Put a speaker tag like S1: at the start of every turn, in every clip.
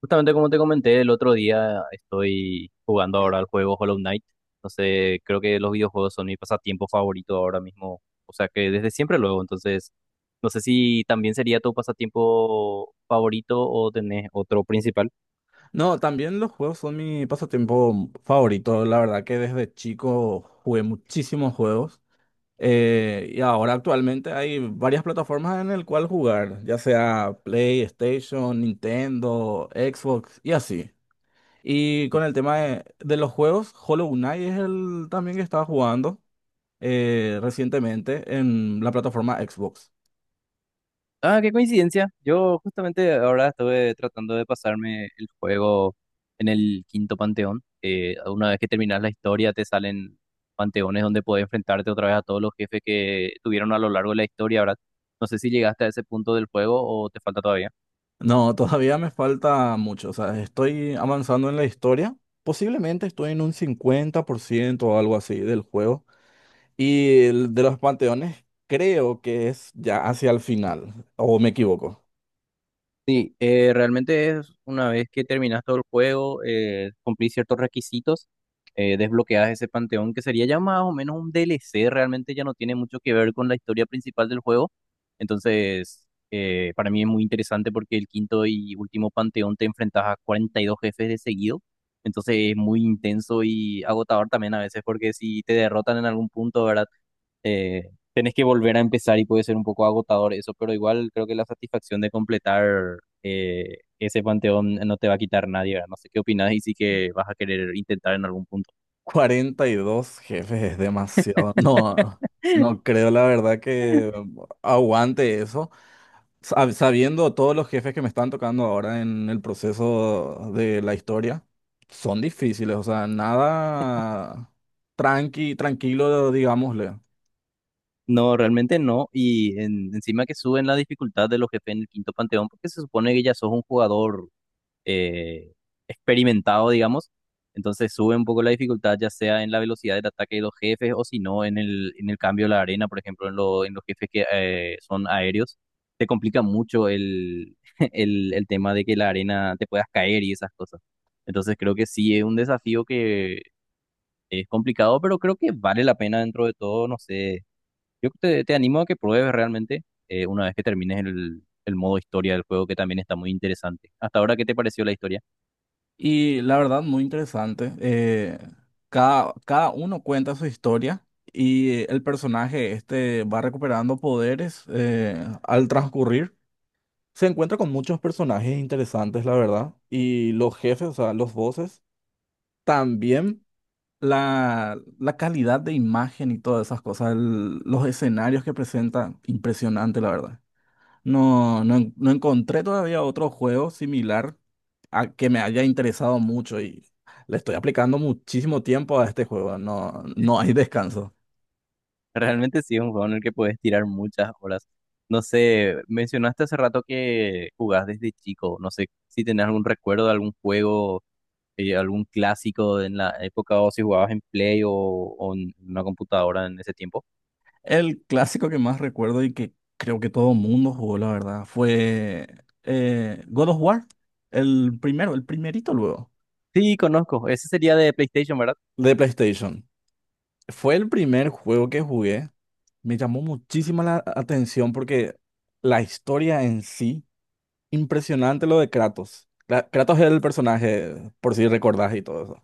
S1: Justamente como te comenté el otro día, estoy jugando ahora el juego Hollow Knight. Entonces, creo que los videojuegos son mi pasatiempo favorito ahora mismo. O sea que desde siempre luego. Entonces, no sé si también sería tu pasatiempo favorito o tenés otro principal.
S2: No, también los juegos son mi pasatiempo favorito. La verdad que desde chico jugué muchísimos juegos. Y ahora actualmente hay varias plataformas en el cual jugar, ya sea PlayStation, Nintendo, Xbox y así. Y con el tema de los juegos, Hollow Knight es el también que estaba jugando recientemente en la plataforma Xbox.
S1: Ah, qué coincidencia. Yo justamente ahora estuve tratando de pasarme el juego en el quinto panteón. Una vez que terminas la historia, te salen panteones donde puedes enfrentarte otra vez a todos los jefes que tuvieron a lo largo de la historia, ¿verdad? No sé si llegaste a ese punto del juego o te falta todavía.
S2: No, todavía me falta mucho. O sea, estoy avanzando en la historia. Posiblemente estoy en un 50% o algo así del juego. Y el de los panteones creo que es ya hacia el final. ¿O me equivoco?
S1: Sí, realmente es una vez que terminas todo el juego, cumplís ciertos requisitos, desbloqueas ese panteón que sería ya más o menos un DLC, realmente ya no tiene mucho que ver con la historia principal del juego. Entonces, para mí es muy interesante porque el quinto y último panteón te enfrentas a 42 jefes de seguido. Entonces es muy intenso y agotador también a veces porque si te derrotan en algún punto, ¿verdad? Tenés que volver a empezar y puede ser un poco agotador eso, pero igual creo que la satisfacción de completar ese panteón no te va a quitar nadie, ¿verdad? No sé qué opinás y sí que vas a querer intentar en algún punto.
S2: 42 jefes es demasiado. No, no creo la verdad que aguante eso. Sabiendo todos los jefes que me están tocando ahora en el proceso de la historia, son difíciles, o sea, nada tranquilo, digámosle.
S1: No, realmente no. Y encima que suben la dificultad de los jefes en el quinto panteón, porque se supone que ya sos un jugador eh, experimentado, digamos. Entonces sube un poco la dificultad, ya sea en la velocidad del ataque de los jefes o si no en el cambio de la arena, por ejemplo, en los jefes que son aéreos. Te complica mucho el, el tema de que la arena te puedas caer y esas cosas. Entonces creo que sí es un desafío que es complicado, pero creo que vale la pena dentro de todo. No sé, yo te animo a que pruebes realmente una vez que termines el modo historia del juego, que también está muy interesante. Hasta ahora, ¿qué te pareció la historia?
S2: Y la verdad, muy interesante. Cada uno cuenta su historia y el personaje este va recuperando poderes al transcurrir. Se encuentra con muchos personajes interesantes, la verdad. Y los jefes, o sea, los voces también. La calidad de imagen y todas esas cosas, los escenarios que presenta, impresionante, la verdad. No encontré todavía otro juego similar a que me haya interesado mucho y le estoy aplicando muchísimo tiempo a este juego, no, no hay descanso.
S1: Realmente sí es un juego en el que puedes tirar muchas horas. No sé, mencionaste hace rato que jugás desde chico. No sé si tenés algún recuerdo de algún juego, algún clásico de en la época o si jugabas en Play o en una computadora en ese tiempo.
S2: El clásico que más recuerdo y que creo que todo mundo jugó, la verdad, fue God of War, el primero, el primerito luego,
S1: Sí, conozco. Ese sería de PlayStation, ¿verdad?
S2: de PlayStation. Fue el primer juego que jugué. Me llamó muchísima la atención porque la historia en sí, impresionante lo de Kratos. Kratos es el personaje, por si recordás y todo eso.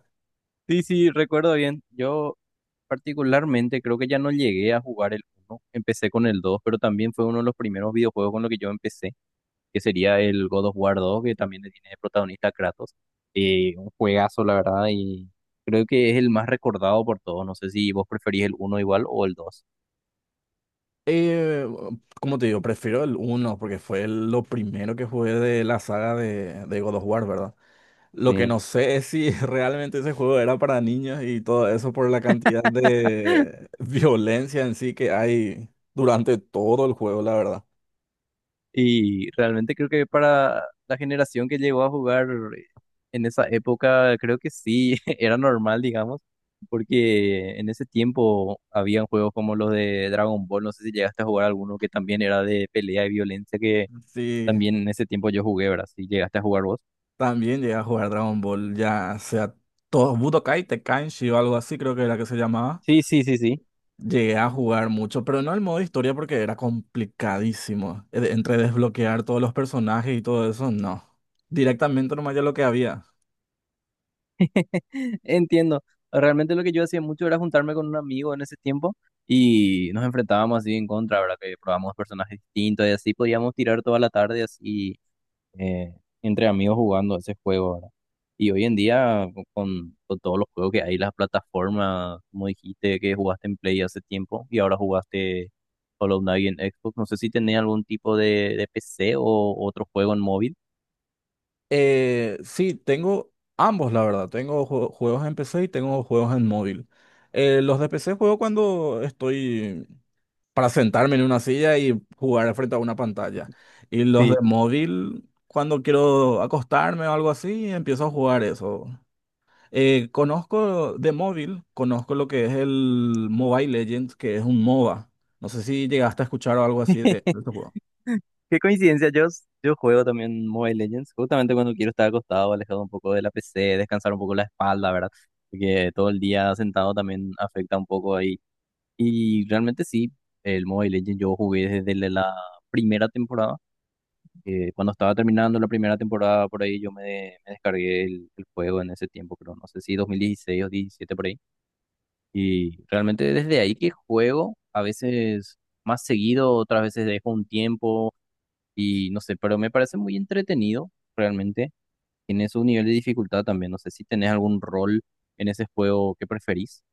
S1: Sí, sí, recuerdo bien. Yo particularmente creo que ya no llegué a jugar el uno. Empecé con el 2, pero también fue uno de los primeros videojuegos con los que yo empecé. Que sería el God of War 2 que también le tiene de protagonista a Kratos. Un juegazo, la verdad, y creo que es el más recordado por todos. No sé si vos preferís el uno igual o el dos.
S2: Eh, Como te digo, prefiero el uno porque fue lo primero que jugué de la saga de God of War, ¿verdad? Lo que
S1: Sí.
S2: no sé es si realmente ese juego era para niños y todo eso por la cantidad de violencia en sí que hay durante todo el juego, la verdad.
S1: Y realmente creo que para la generación que llegó a jugar eh, en esa época, creo que sí, era normal, digamos, porque en ese tiempo habían juegos como los de Dragon Ball, no sé si llegaste a jugar alguno que también era de pelea y violencia, que
S2: Sí,
S1: también en ese tiempo yo jugué, ¿verdad? Si llegaste a jugar vos.
S2: también llegué a jugar Dragon Ball, ya sea todo Budokai, Tenkaichi o algo así, creo que era que se llamaba.
S1: Sí, sí, sí, sí.
S2: Llegué a jugar mucho, pero no el modo historia porque era complicadísimo. Entre desbloquear todos los personajes y todo eso, no. Directamente nomás ya lo que había.
S1: Entiendo. Realmente lo que yo hacía mucho era juntarme con un amigo en ese tiempo y nos enfrentábamos así en contra, ¿verdad? Que probábamos personajes distintos y así podíamos tirar toda la tarde así eh, entre amigos jugando ese juego, ¿verdad? Y hoy en día con todos los juegos que hay, las plataformas, como dijiste que jugaste en Play hace tiempo y ahora jugaste Hollow Knight en Xbox, no sé si tenés algún tipo de PC o otro juego en móvil.
S2: Sí, tengo ambos, la verdad. Tengo juegos en PC y tengo juegos en móvil. Los de PC juego cuando estoy para sentarme en una silla y jugar frente a una pantalla. Y los de
S1: Sí.
S2: móvil, cuando quiero acostarme o algo así, empiezo a jugar eso. Conozco de móvil, conozco lo que es el Mobile Legends, que es un MOBA. No sé si llegaste a escuchar o algo así de, de este juego.
S1: Qué coincidencia, yo juego también Mobile Legends, justamente cuando quiero estar acostado, alejado un poco de la PC, descansar un poco la espalda, ¿verdad? Porque todo el día sentado también afecta un poco ahí. Y realmente sí, el Mobile Legends yo jugué desde la primera temporada. Cuando estaba terminando la primera temporada, por ahí yo me descargué el juego en ese tiempo, pero no sé si 2016 o 17 por ahí. Y realmente desde ahí que juego, a veces más seguido, otras veces dejo un tiempo. Y no sé, pero me parece muy entretenido, realmente. Tiene su nivel de dificultad también. No sé si tenés algún rol en ese juego que preferís.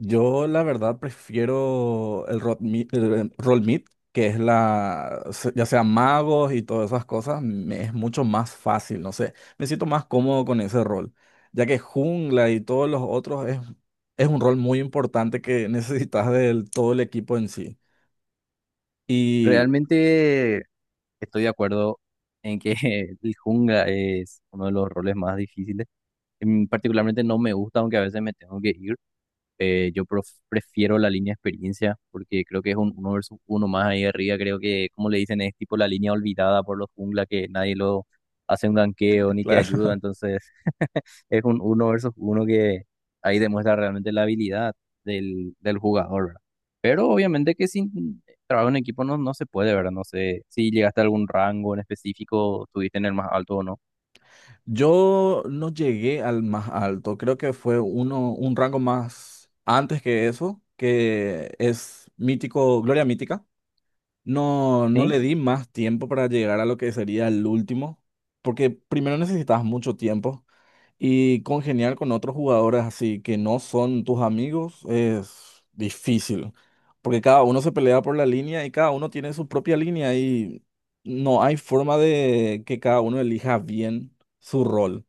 S2: Yo la verdad prefiero el roll meat, que es ya sea magos y todas esas cosas, me es mucho más fácil, no sé, me siento más cómodo con ese rol, ya que jungla y todos los otros es un rol muy importante que necesitas del todo el equipo en sí. Y
S1: Realmente estoy de acuerdo en que el jungla es uno de los roles más difíciles. Particularmente no me gusta, aunque a veces me tengo que ir. Yo prefiero la línea experiencia porque creo que es un uno versus uno más ahí arriba. Creo que, como le dicen, es tipo la línea olvidada por los jungla que nadie lo hace un ganqueo ni te ayuda.
S2: claro,
S1: Entonces, es un uno versus uno que ahí demuestra realmente la habilidad del jugador, ¿verdad? Pero obviamente que sin trabajo en equipo no, no se puede, ¿verdad? No sé si llegaste a algún rango en específico, estuviste en el más alto o no.
S2: yo no llegué al más alto, creo que fue uno, un rango más antes que eso, que es mítico, Gloria Mítica. No, no
S1: Sí.
S2: le di más tiempo para llegar a lo que sería el último, porque primero necesitas mucho tiempo y congeniar con otros jugadores así que no son tus amigos es difícil, porque cada uno se pelea por la línea y cada uno tiene su propia línea y no hay forma de que cada uno elija bien su rol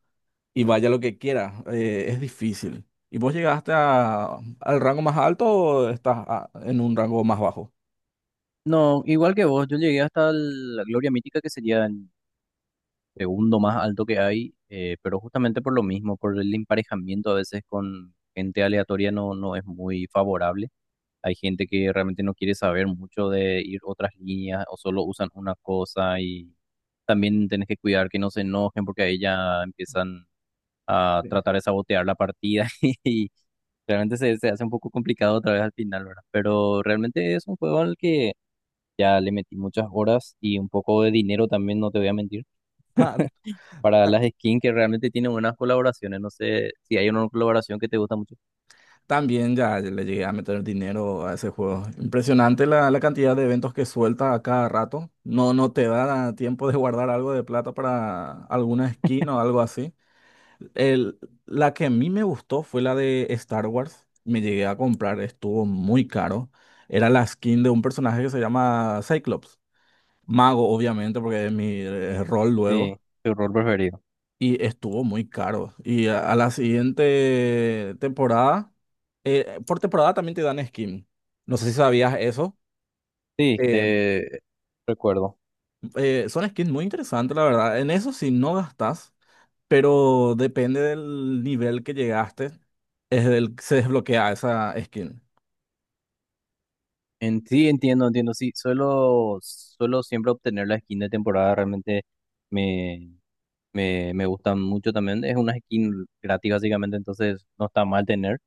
S2: y vaya lo que quiera, es difícil. ¿Y vos llegaste al rango más alto o estás en un rango más bajo?
S1: No, igual que vos, yo llegué hasta la Gloria Mítica, que sería segundo más alto que hay, pero justamente por lo mismo, por el emparejamiento a veces con gente aleatoria no, no es muy favorable. Hay gente que realmente no quiere saber mucho de ir otras líneas o solo usan una cosa y también tenés que cuidar que no se enojen porque ahí ya empiezan a tratar de sabotear la partida y realmente se hace un poco complicado otra vez al final, ¿verdad? Pero realmente es un juego al que ya le metí muchas horas y un poco de dinero también, no te voy a mentir para las skins que realmente tienen buenas colaboraciones. No sé si hay una colaboración que te gusta mucho.
S2: También ya le llegué a meter dinero a ese juego. Impresionante la cantidad de eventos que suelta a cada rato. No, no te da tiempo de guardar algo de plata para alguna skin o algo así. El, la que a mí me gustó fue la de Star Wars. Me llegué a comprar, estuvo muy caro. Era la skin de un personaje que se llama Cyclops. Mago, obviamente, porque es mi rol luego.
S1: Sí, tu rol preferido.
S2: Y estuvo muy caro. Y a la siguiente temporada, por temporada también te dan skin. No sé si sabías eso.
S1: Sí,
S2: Eh,
S1: te recuerdo.
S2: Son skins muy interesantes, la verdad. En eso sí no gastas, pero depende del nivel que llegaste, es del que se desbloquea esa skin.
S1: En sí, entiendo, entiendo. Sí, suelo, suelo siempre obtener la skin de temporada. Realmente me, me gustan mucho también. Es una skin gratis básicamente, entonces no está mal tener.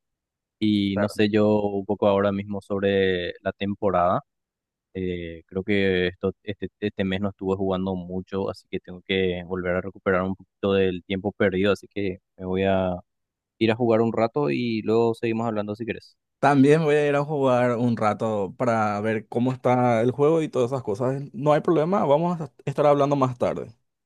S1: Y no
S2: Claro.
S1: sé yo un poco ahora mismo sobre la temporada. Creo que este mes no estuve jugando mucho, así que tengo que volver a recuperar un poquito del tiempo perdido, así que me voy a ir a jugar un rato y luego seguimos hablando si querés.
S2: También voy a ir a jugar un rato para ver cómo está el juego y todas esas cosas. No hay problema, vamos a estar hablando más tarde.